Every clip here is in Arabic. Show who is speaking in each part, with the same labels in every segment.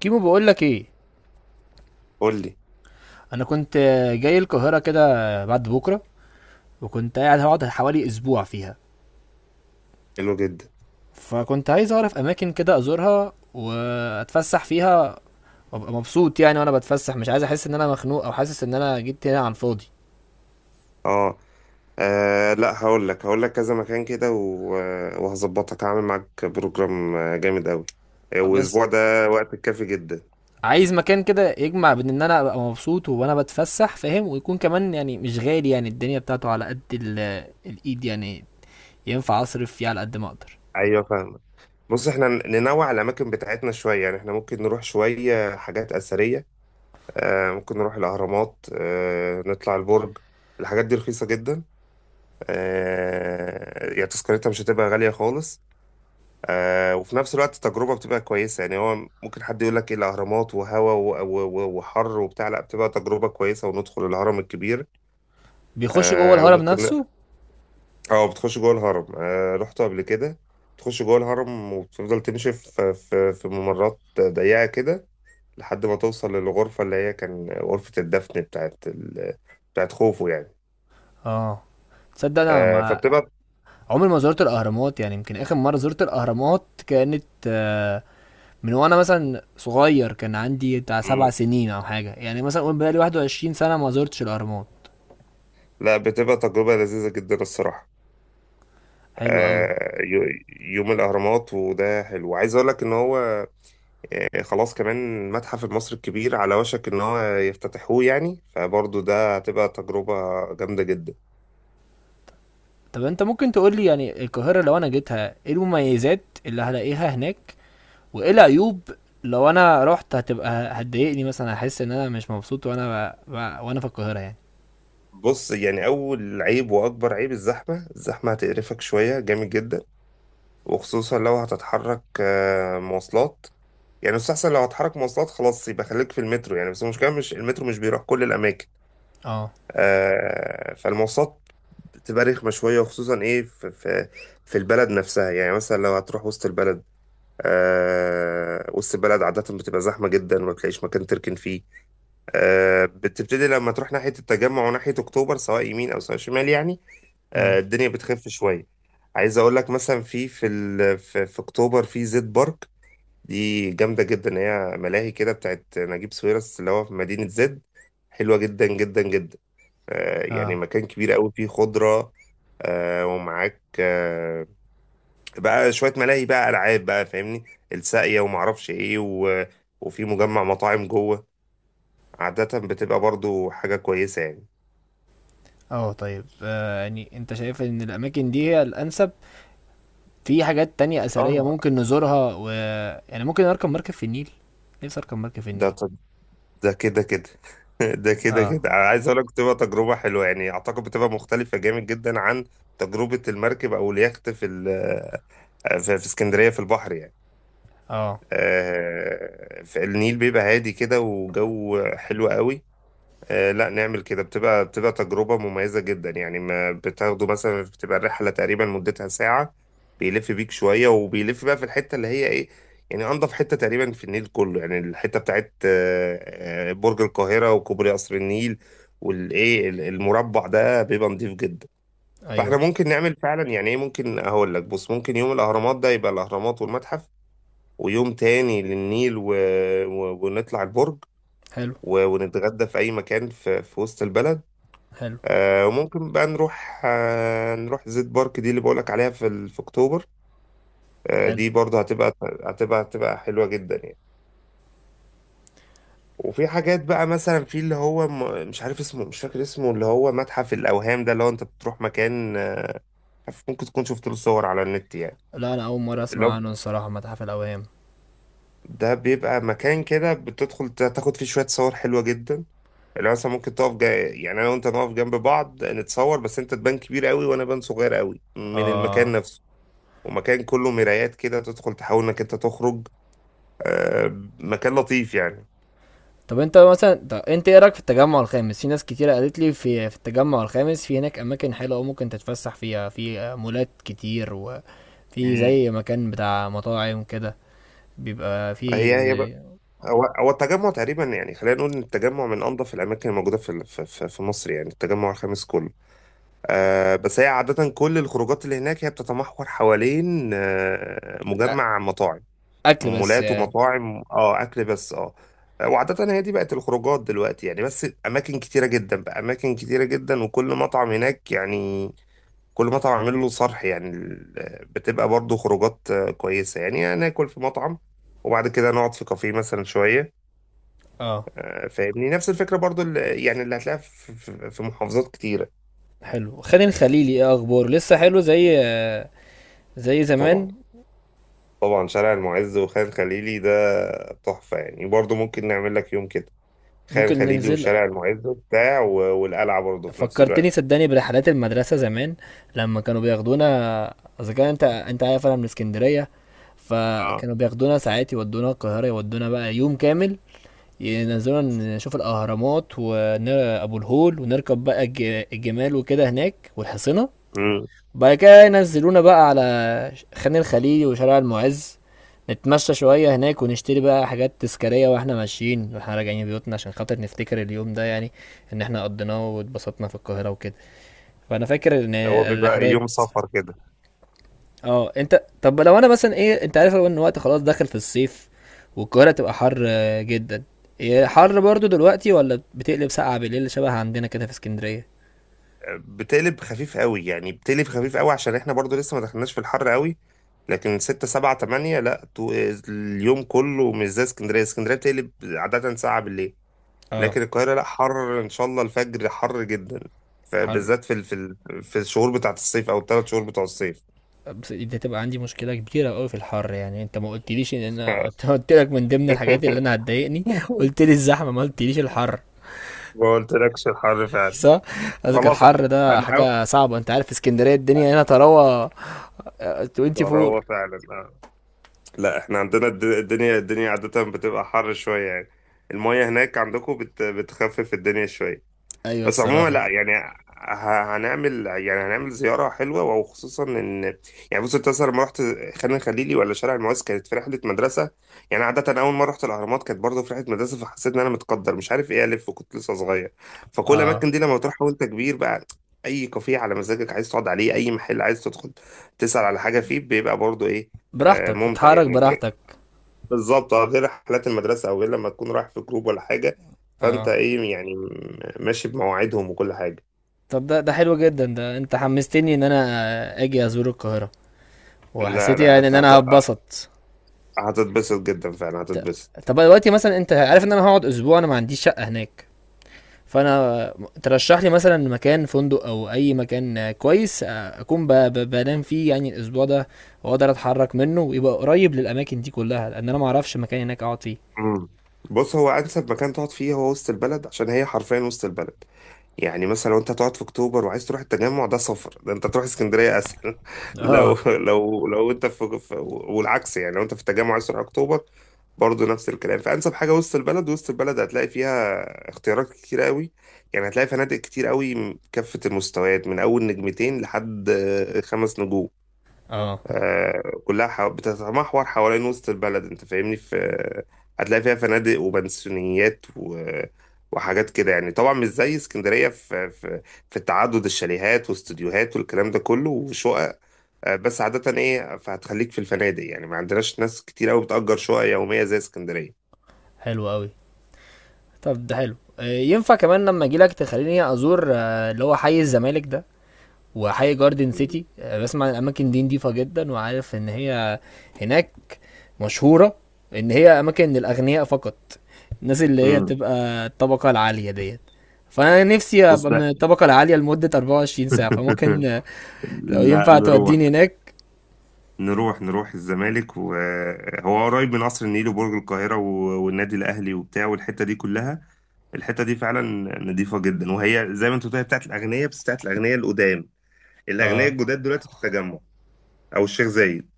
Speaker 1: كيمو، بقول لك ايه.
Speaker 2: قول لي.
Speaker 1: انا كنت جاي القاهره كده بعد بكره، وكنت قاعد هقعد حوالي اسبوع فيها.
Speaker 2: حلو جدا.
Speaker 1: فكنت عايز اعرف اماكن كده ازورها واتفسح فيها وابقى مبسوط، يعني وانا بتفسح مش عايز احس ان انا مخنوق او حاسس ان انا جيت هنا عن فاضي.
Speaker 2: اه. لا، هقول لك كذا مكان كده وهظبطك، هعمل معاك بروجرام جامد قوي.
Speaker 1: بس
Speaker 2: والاسبوع ده وقت كافي جدا.
Speaker 1: عايز مكان كده يجمع بين ان انا ابقى مبسوط وانا بتفسح، فاهم؟ ويكون كمان يعني مش غالي، يعني الدنيا بتاعته على قد الايد يعني، ينفع اصرف فيه على قد ما اقدر.
Speaker 2: ايوه، فاهمك. بص، احنا ننوع الاماكن بتاعتنا شويه يعني. احنا ممكن نروح شويه حاجات اثريه، ممكن نروح الاهرامات، نطلع البرج. الحاجات دي رخيصه جدا، يعني تذكرتها مش هتبقى غاليه خالص. وفي نفس الوقت التجربة بتبقى كويسة يعني. هو ممكن حد يقول لك ايه الأهرامات وهوا وحر وبتاع. لا، بتبقى تجربة كويسة، وندخل الهرم الكبير.
Speaker 1: بيخش جوه الهرم
Speaker 2: وممكن.
Speaker 1: نفسه؟
Speaker 2: اه، بتخش جوه الهرم. رحت قبل كده. تخش جوه الهرم وبتفضل تمشي في ممرات ضيقة كده، لحد ما توصل للغرفة اللي هي كان غرفة الدفن بتاعت ال... بتاعت خوفو يعني.
Speaker 1: اه. تصدق انا ما
Speaker 2: فبتبقى.
Speaker 1: عمري ما زرت الاهرامات؟ يعني يمكن اخر مره زرت الاهرامات كانت، من وانا مثلا صغير، كان عندي بتاع سبع
Speaker 2: مم،
Speaker 1: سنين او حاجه. يعني مثلا قول بقالي 21 سنه ما زرتش الاهرامات.
Speaker 2: لا، بتبقى تجربة لذيذة جدا الصراحة.
Speaker 1: حلو قوي.
Speaker 2: يوم الأهرامات وده حلو. عايز أقول لك إن هو خلاص، كمان المتحف المصري الكبير على وشك إن هو يفتتحوه يعني، فبرضه ده هتبقى تجربة جامدة جدا.
Speaker 1: طب انت ممكن تقول لي يعني القاهره لو انا جيتها ايه المميزات اللي هلاقيها هناك وايه العيوب؟ لو انا رحت هتبقى هتضايقني مثلا، هحس ان انا مش مبسوط وانا وانا في القاهره يعني.
Speaker 2: بص يعني، أول عيب وأكبر عيب الزحمة. الزحمة هتقرفك شوية جامد جدا، وخصوصا لو هتتحرك مواصلات. يعني مستحسن لو هتحرك مواصلات، خلاص يبقى خليك في المترو يعني. بس المشكلة، مش المترو مش بيروح كل الأماكن.
Speaker 1: اه.
Speaker 2: فالمواصلات بتبقى رخمة شوية، وخصوصا إيه في البلد نفسها. يعني مثلا لو هتروح وسط البلد، وسط البلد عادة بتبقى زحمة جدا، وما بتلاقيش مكان تركن فيه. بتبتدي لما تروح ناحية التجمع وناحية أكتوبر سواء يمين أو سواء شمال يعني،
Speaker 1: امم
Speaker 2: الدنيا بتخف شوية. عايز أقول لك مثلا في أكتوبر في زد بارك. دي جامدة جدا، هي ملاهي كده بتاعت نجيب ساويرس اللي هو في مدينة زد. حلوة جدا جدا جدا، يعني
Speaker 1: اه.
Speaker 2: مكان كبير قوي فيه خضرة، ومعاك بقى شوية ملاهي بقى ألعاب بقى، فاهمني. الساقية ومعرفش إيه و... وفي مجمع مطاعم جوه، عادة بتبقى برضو حاجة كويسة يعني.
Speaker 1: اه طيب. يعني انت شايف ان الاماكن دي هي الانسب؟ في حاجات تانية أثرية
Speaker 2: اه،
Speaker 1: ممكن نزورها؟ و يعني ممكن أركب مركب في النيل، نفسي أركب مركب في النيل.
Speaker 2: ده ده كده كده. ده كده
Speaker 1: اه.
Speaker 2: كده، أنا عايز أقول لك بتبقى تجربة حلوة يعني. أعتقد بتبقى مختلفة جامد جدا عن تجربة المركب أو اليخت في اسكندرية في البحر يعني.
Speaker 1: اه.
Speaker 2: في النيل بيبقى هادي كده وجو حلو قوي. لا نعمل كده، بتبقى تجربة مميزة جدا يعني. ما بتاخده مثلا، بتبقى الرحلة تقريبا مدتها ساعة. بيلف بيك شوية وبيلف بقى في الحتة اللي هي ايه، يعني أنظف حتة تقريبا في النيل كله يعني. الحتة بتاعت برج القاهرة وكوبري قصر النيل والايه المربع ده بيبقى نضيف جدا. فاحنا
Speaker 1: أيوه.
Speaker 2: ممكن نعمل فعلا يعني ايه، ممكن هقول لك بص، ممكن يوم الأهرامات ده يبقى الأهرامات والمتحف، ويوم تاني للنيل و... و... ونطلع البرج
Speaker 1: حلو.
Speaker 2: و... ونتغدى في أي مكان في... في وسط البلد.
Speaker 1: حلو.
Speaker 2: وممكن بقى نروح نروح زيت بارك دي اللي بقولك عليها في في اكتوبر.
Speaker 1: حلو.
Speaker 2: دي برضه هتبقى حلوة جدا يعني. وفي حاجات بقى مثلا في اللي هو مش عارف اسمه، مش فاكر اسمه، اللي هو متحف الأوهام ده. اللي هو انت بتروح مكان عارف، ممكن تكون شفت له صور على النت يعني.
Speaker 1: لا أنا أول مرة
Speaker 2: اللي
Speaker 1: أسمع
Speaker 2: هو
Speaker 1: عنه الصراحة، متحف الأوهام.
Speaker 2: ده بيبقى مكان كده بتدخل تاخد فيه شوية صور حلوة جدا. اللي هو مثلا ممكن تقف يعني انا وانت نقف جنب بعض نتصور، بس انت تبان كبير قوي وانا بان صغير قوي من المكان
Speaker 1: اه.
Speaker 2: نفسه. ومكان كله مرايات كده، تدخل تحاول انك انت تخرج. آه، مكان لطيف يعني.
Speaker 1: طب أنت مثلا، طب أنت إيه رأيك في التجمع الخامس؟ في ناس كتيرة قالت لي في في التجمع الخامس، في هناك أماكن حلوة أوي ممكن تتفسح فيها، في مولات كتير وفي
Speaker 2: مم.
Speaker 1: زي مكان بتاع مطاعم كده بيبقى فيه،
Speaker 2: هي هي بقى،
Speaker 1: زي
Speaker 2: هو هو التجمع تقريبا يعني. خلينا نقول ان التجمع من انظف الاماكن الموجوده في مصر يعني، التجمع الخامس كله. بس هي عاده كل الخروجات اللي هناك هي بتتمحور حوالين
Speaker 1: أ-
Speaker 2: مجمع مطاعم،
Speaker 1: أكل بس
Speaker 2: مولات
Speaker 1: يعني.
Speaker 2: ومطاعم. اه، اكل بس. اه. وعادة هي دي بقت الخروجات دلوقتي يعني. بس أماكن كتيرة جدا بقى، أماكن كتيرة جدا، وكل مطعم هناك يعني. كل مطعم عامل له صرح يعني بتبقى برضو خروجات كويسة يعني. يعني ناكل في مطعم، وبعد كده نقعد في كافيه مثلا شوية.
Speaker 1: اه.
Speaker 2: فاهمني، نفس الفكرة برضو اللي يعني اللي هتلاقيها في في محافظات كتيرة.
Speaker 1: حلو. خالد الخليلي ايه اخباره؟ لسه حلو زي زي
Speaker 2: طبعا
Speaker 1: زمان؟
Speaker 2: طبعا، شارع المعز وخان خليلي ده تحفة يعني. برضو ممكن نعمل لك يوم كده، خان
Speaker 1: ممكن
Speaker 2: خليلي
Speaker 1: ننزل.
Speaker 2: وشارع المعز وبتاع والقلعة برضو في نفس
Speaker 1: فكرتني
Speaker 2: الوقت.
Speaker 1: صدقني برحلات المدرسة زمان لما كانوا بياخدونا. اذا كان انت، انت عارف انا من اسكندرية،
Speaker 2: اه.
Speaker 1: فكانوا بياخدونا ساعات يودونا القاهرة، يودونا بقى يوم كامل، ينزلونا نشوف الأهرامات وأبو الهول ونركب بقى الجمال وكده هناك والحصينة.
Speaker 2: امم.
Speaker 1: بعد كده ينزلونا بقى على خان الخليلي وشارع المعز، نتمشى شوية هناك ونشتري بقى حاجات تذكارية واحنا ماشيين واحنا راجعين بيوتنا، عشان خاطر نفتكر اليوم ده يعني، ان احنا قضيناه واتبسطنا في القاهرة وكده. فانا فاكر ان
Speaker 2: هو بيبقى يوم
Speaker 1: الرحلات.
Speaker 2: سفر كده.
Speaker 1: اه. انت طب لو انا مثلا ايه، انت عارف ان الوقت خلاص داخل في الصيف والقاهرة تبقى حر جدا. إيه، حر برضو دلوقتي ولا بتقلب ساقعة بالليل شبه عندنا كده في اسكندرية؟
Speaker 2: بتقلب خفيف قوي يعني، بتقلب خفيف قوي عشان احنا برضو لسه ما دخلناش في الحر قوي. لكن ستة سبعة تمانية لا، اليوم كله مش زي اسكندرية. اسكندرية بتقلب عادة ساعة بالليل،
Speaker 1: اه.
Speaker 2: لكن القاهرة لا، حر ان شاء الله. الفجر حر جدا،
Speaker 1: حر.
Speaker 2: فبالذات في الشهور بتاعت الصيف، او الثلاث شهور بتوع الصيف.
Speaker 1: بس دي تبقى عندي مشكلة كبيرة قوي في الحر، يعني انت ما قلتليش ان انا انت قلت لك من ضمن الحاجات اللي انا هتضايقني قلت لي الزحمة، ما قلتليش الحر.
Speaker 2: ما قلتلكش الحر فعلا.
Speaker 1: صح؟ قصدك
Speaker 2: خلاص،
Speaker 1: الحر ده
Speaker 2: هنحاول.
Speaker 1: حاجة صعبة. انت عارف في اسكندرية الدنيا هنا تروى 24.
Speaker 2: هو فعلا. لا، احنا عندنا الدنيا عادة بتبقى حر شوية يعني. المية هناك عندكم بتخفف الدنيا شوية.
Speaker 1: ايوه
Speaker 2: بس عموما
Speaker 1: الصراحة.
Speaker 2: لا يعني. هنعمل، يعني هنعمل زيارة حلوة. وخصوصا ان، يعني بص انت مثلا لما رحت خان الخليلي ولا شارع المعز، كانت في رحلة مدرسة. يعني عادة أول ما رحت الأهرامات كانت برضه في رحلة مدرسة، فحسيت إن أنا متقدر مش عارف إيه، ألف وكنت لسه صغير. فكل
Speaker 1: اه
Speaker 2: الأماكن دي لما تروحها وأنت كبير بقى، أي كافيه على مزاجك عايز تقعد عليه، أي محل عايز تدخل تسأل على حاجة فيه، بيبقى برضه إيه
Speaker 1: براحتك،
Speaker 2: ممتع
Speaker 1: تتحرك
Speaker 2: يعني.
Speaker 1: براحتك.
Speaker 2: بالظبط، غير رحلات المدرسة، أو غير لما تكون رايح في جروب ولا حاجة، فأنت
Speaker 1: اه.
Speaker 2: إيه يعني ماشي بمواعيدهم وكل حاجة.
Speaker 1: طب ده، ده حلو جدا، ده انت حمستني ان انا اجي ازور القاهرة،
Speaker 2: لا
Speaker 1: وحسيت
Speaker 2: لا،
Speaker 1: يعني ان انا هتبسط.
Speaker 2: هتتبسط جدا فعلا،
Speaker 1: ط-
Speaker 2: هتتبسط.
Speaker 1: طب دلوقتي مثلا، انت عارف ان انا هقعد اسبوع، انا ما عنديش شقة هناك، فانا ترشح لي مثلا مكان فندق او اي مكان كويس، اكون بنام فيه يعني الاسبوع ده، واقدر اتحرك منه، ويبقى قريب للاماكن دي كلها، لان انا ما اعرفش مكان هناك اقعد فيه.
Speaker 2: مم. بص، هو أنسب مكان تقعد فيه هو وسط البلد، عشان هي حرفيا وسط البلد. يعني مثلا لو أنت تقعد في أكتوبر وعايز تروح التجمع ده سفر، ده أنت تروح اسكندرية أسهل.
Speaker 1: اه.
Speaker 2: لو أنت في، والعكس يعني لو أنت في التجمع عايز تروح أكتوبر برضه نفس الكلام. فأنسب حاجة وسط البلد. وسط البلد هتلاقي فيها اختيارات كتير قوي يعني. هتلاقي فنادق كتير قوي كافة المستويات، من أول نجمتين لحد 5 نجوم.
Speaker 1: اه.
Speaker 2: كلها بتتمحور حوالين وسط البلد، أنت فاهمني. في هتلاقي فيها فنادق وبنسيونيات و... وحاجات كده يعني. طبعا مش زي اسكندرية في تعدد الشاليهات واستوديوهات والكلام ده كله وشقق. بس عادة إيه، فهتخليك في الفنادق يعني. ما عندناش ناس كتير قوي بتأجر شقق يومية زي اسكندرية.
Speaker 1: حلو قوي. طب ده حلو. ينفع كمان لما اجي لك تخليني ازور، اللي هو حي الزمالك ده وحي جاردن سيتي؟ بسمع عن الاماكن دي نضيفه جدا، وعارف ان هي هناك مشهورة ان هي اماكن للاغنياء فقط، الناس اللي هي
Speaker 2: امم
Speaker 1: بتبقى الطبقة العالية ديت. فانا نفسي
Speaker 2: بص
Speaker 1: ابقى من
Speaker 2: بقى.
Speaker 1: الطبقة العالية لمدة 24 ساعة، فممكن لو
Speaker 2: لا،
Speaker 1: ينفع توديني هناك.
Speaker 2: نروح الزمالك، وهو قريب من قصر النيل وبرج القاهرة والنادي الأهلي وبتاع والحتة دي كلها. الحتة دي فعلا نضيفة جدا، وهي زي ما انت قلت هي بتاعت الأغنياء. بس بتاعت الأغنياء القدام. الأغنياء
Speaker 1: اه.
Speaker 2: الجداد دلوقتي في التجمع أو الشيخ زايد.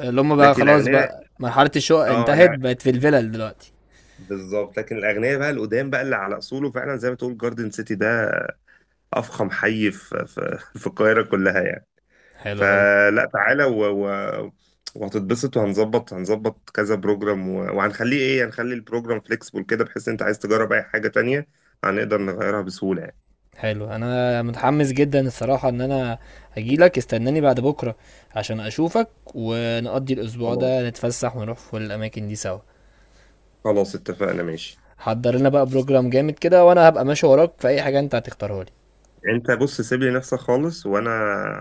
Speaker 1: اللي هم بقى
Speaker 2: لكن
Speaker 1: خلاص
Speaker 2: الأغنياء،
Speaker 1: بقى مرحلة الشقق
Speaker 2: اه
Speaker 1: انتهت،
Speaker 2: لا،
Speaker 1: بقت في الفلل دلوقتي.
Speaker 2: بالظبط. لكن الأغنياء بقى القدام بقى اللي على أصوله فعلا، زي ما تقول جاردن سيتي ده أفخم حي في في في القاهرة كلها يعني.
Speaker 1: حلو قوي.
Speaker 2: فلا، تعالى و... و... وهتتبسط، وهنظبط كذا بروجرام، و... وهنخليه ايه، هنخلي البروجرام فليكسبل كده، بحيث انت عايز تجرب اي حاجة تانية هنقدر نغيرها بسهولة يعني.
Speaker 1: حلو، انا متحمس جدا الصراحة ان انا هجيلك، استناني بعد بكرة عشان اشوفك، ونقضي الاسبوع ده
Speaker 2: خلاص،
Speaker 1: نتفسح ونروح في الاماكن دي سوا.
Speaker 2: خلاص اتفقنا، ماشي.
Speaker 1: حضر لنا بقى بروجرام جامد كده، وانا هبقى ماشي وراك في اي حاجه انت هتختارها لي.
Speaker 2: انت بص، سيب لي نفسك خالص، وانا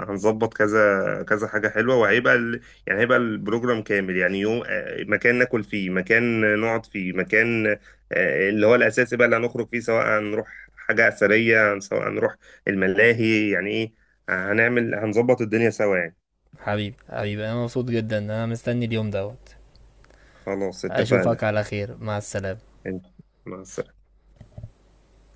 Speaker 2: هنظبط كذا كذا حاجه حلوه، وهيبقى يعني هيبقى البروجرام كامل يعني. يوم مكان ناكل فيه، مكان نقعد فيه، مكان اللي هو الاساسي بقى اللي هنخرج فيه، سواء هنروح حاجه اثريه سواء هنروح الملاهي. يعني ايه، هنظبط الدنيا سوا يعني.
Speaker 1: حبيبي حبيبي انا مبسوط جدا، انا مستني اليوم دوت.
Speaker 2: خلاص
Speaker 1: اشوفك
Speaker 2: اتفقنا.
Speaker 1: على خير، مع السلامه.
Speaker 2: مع السلامه.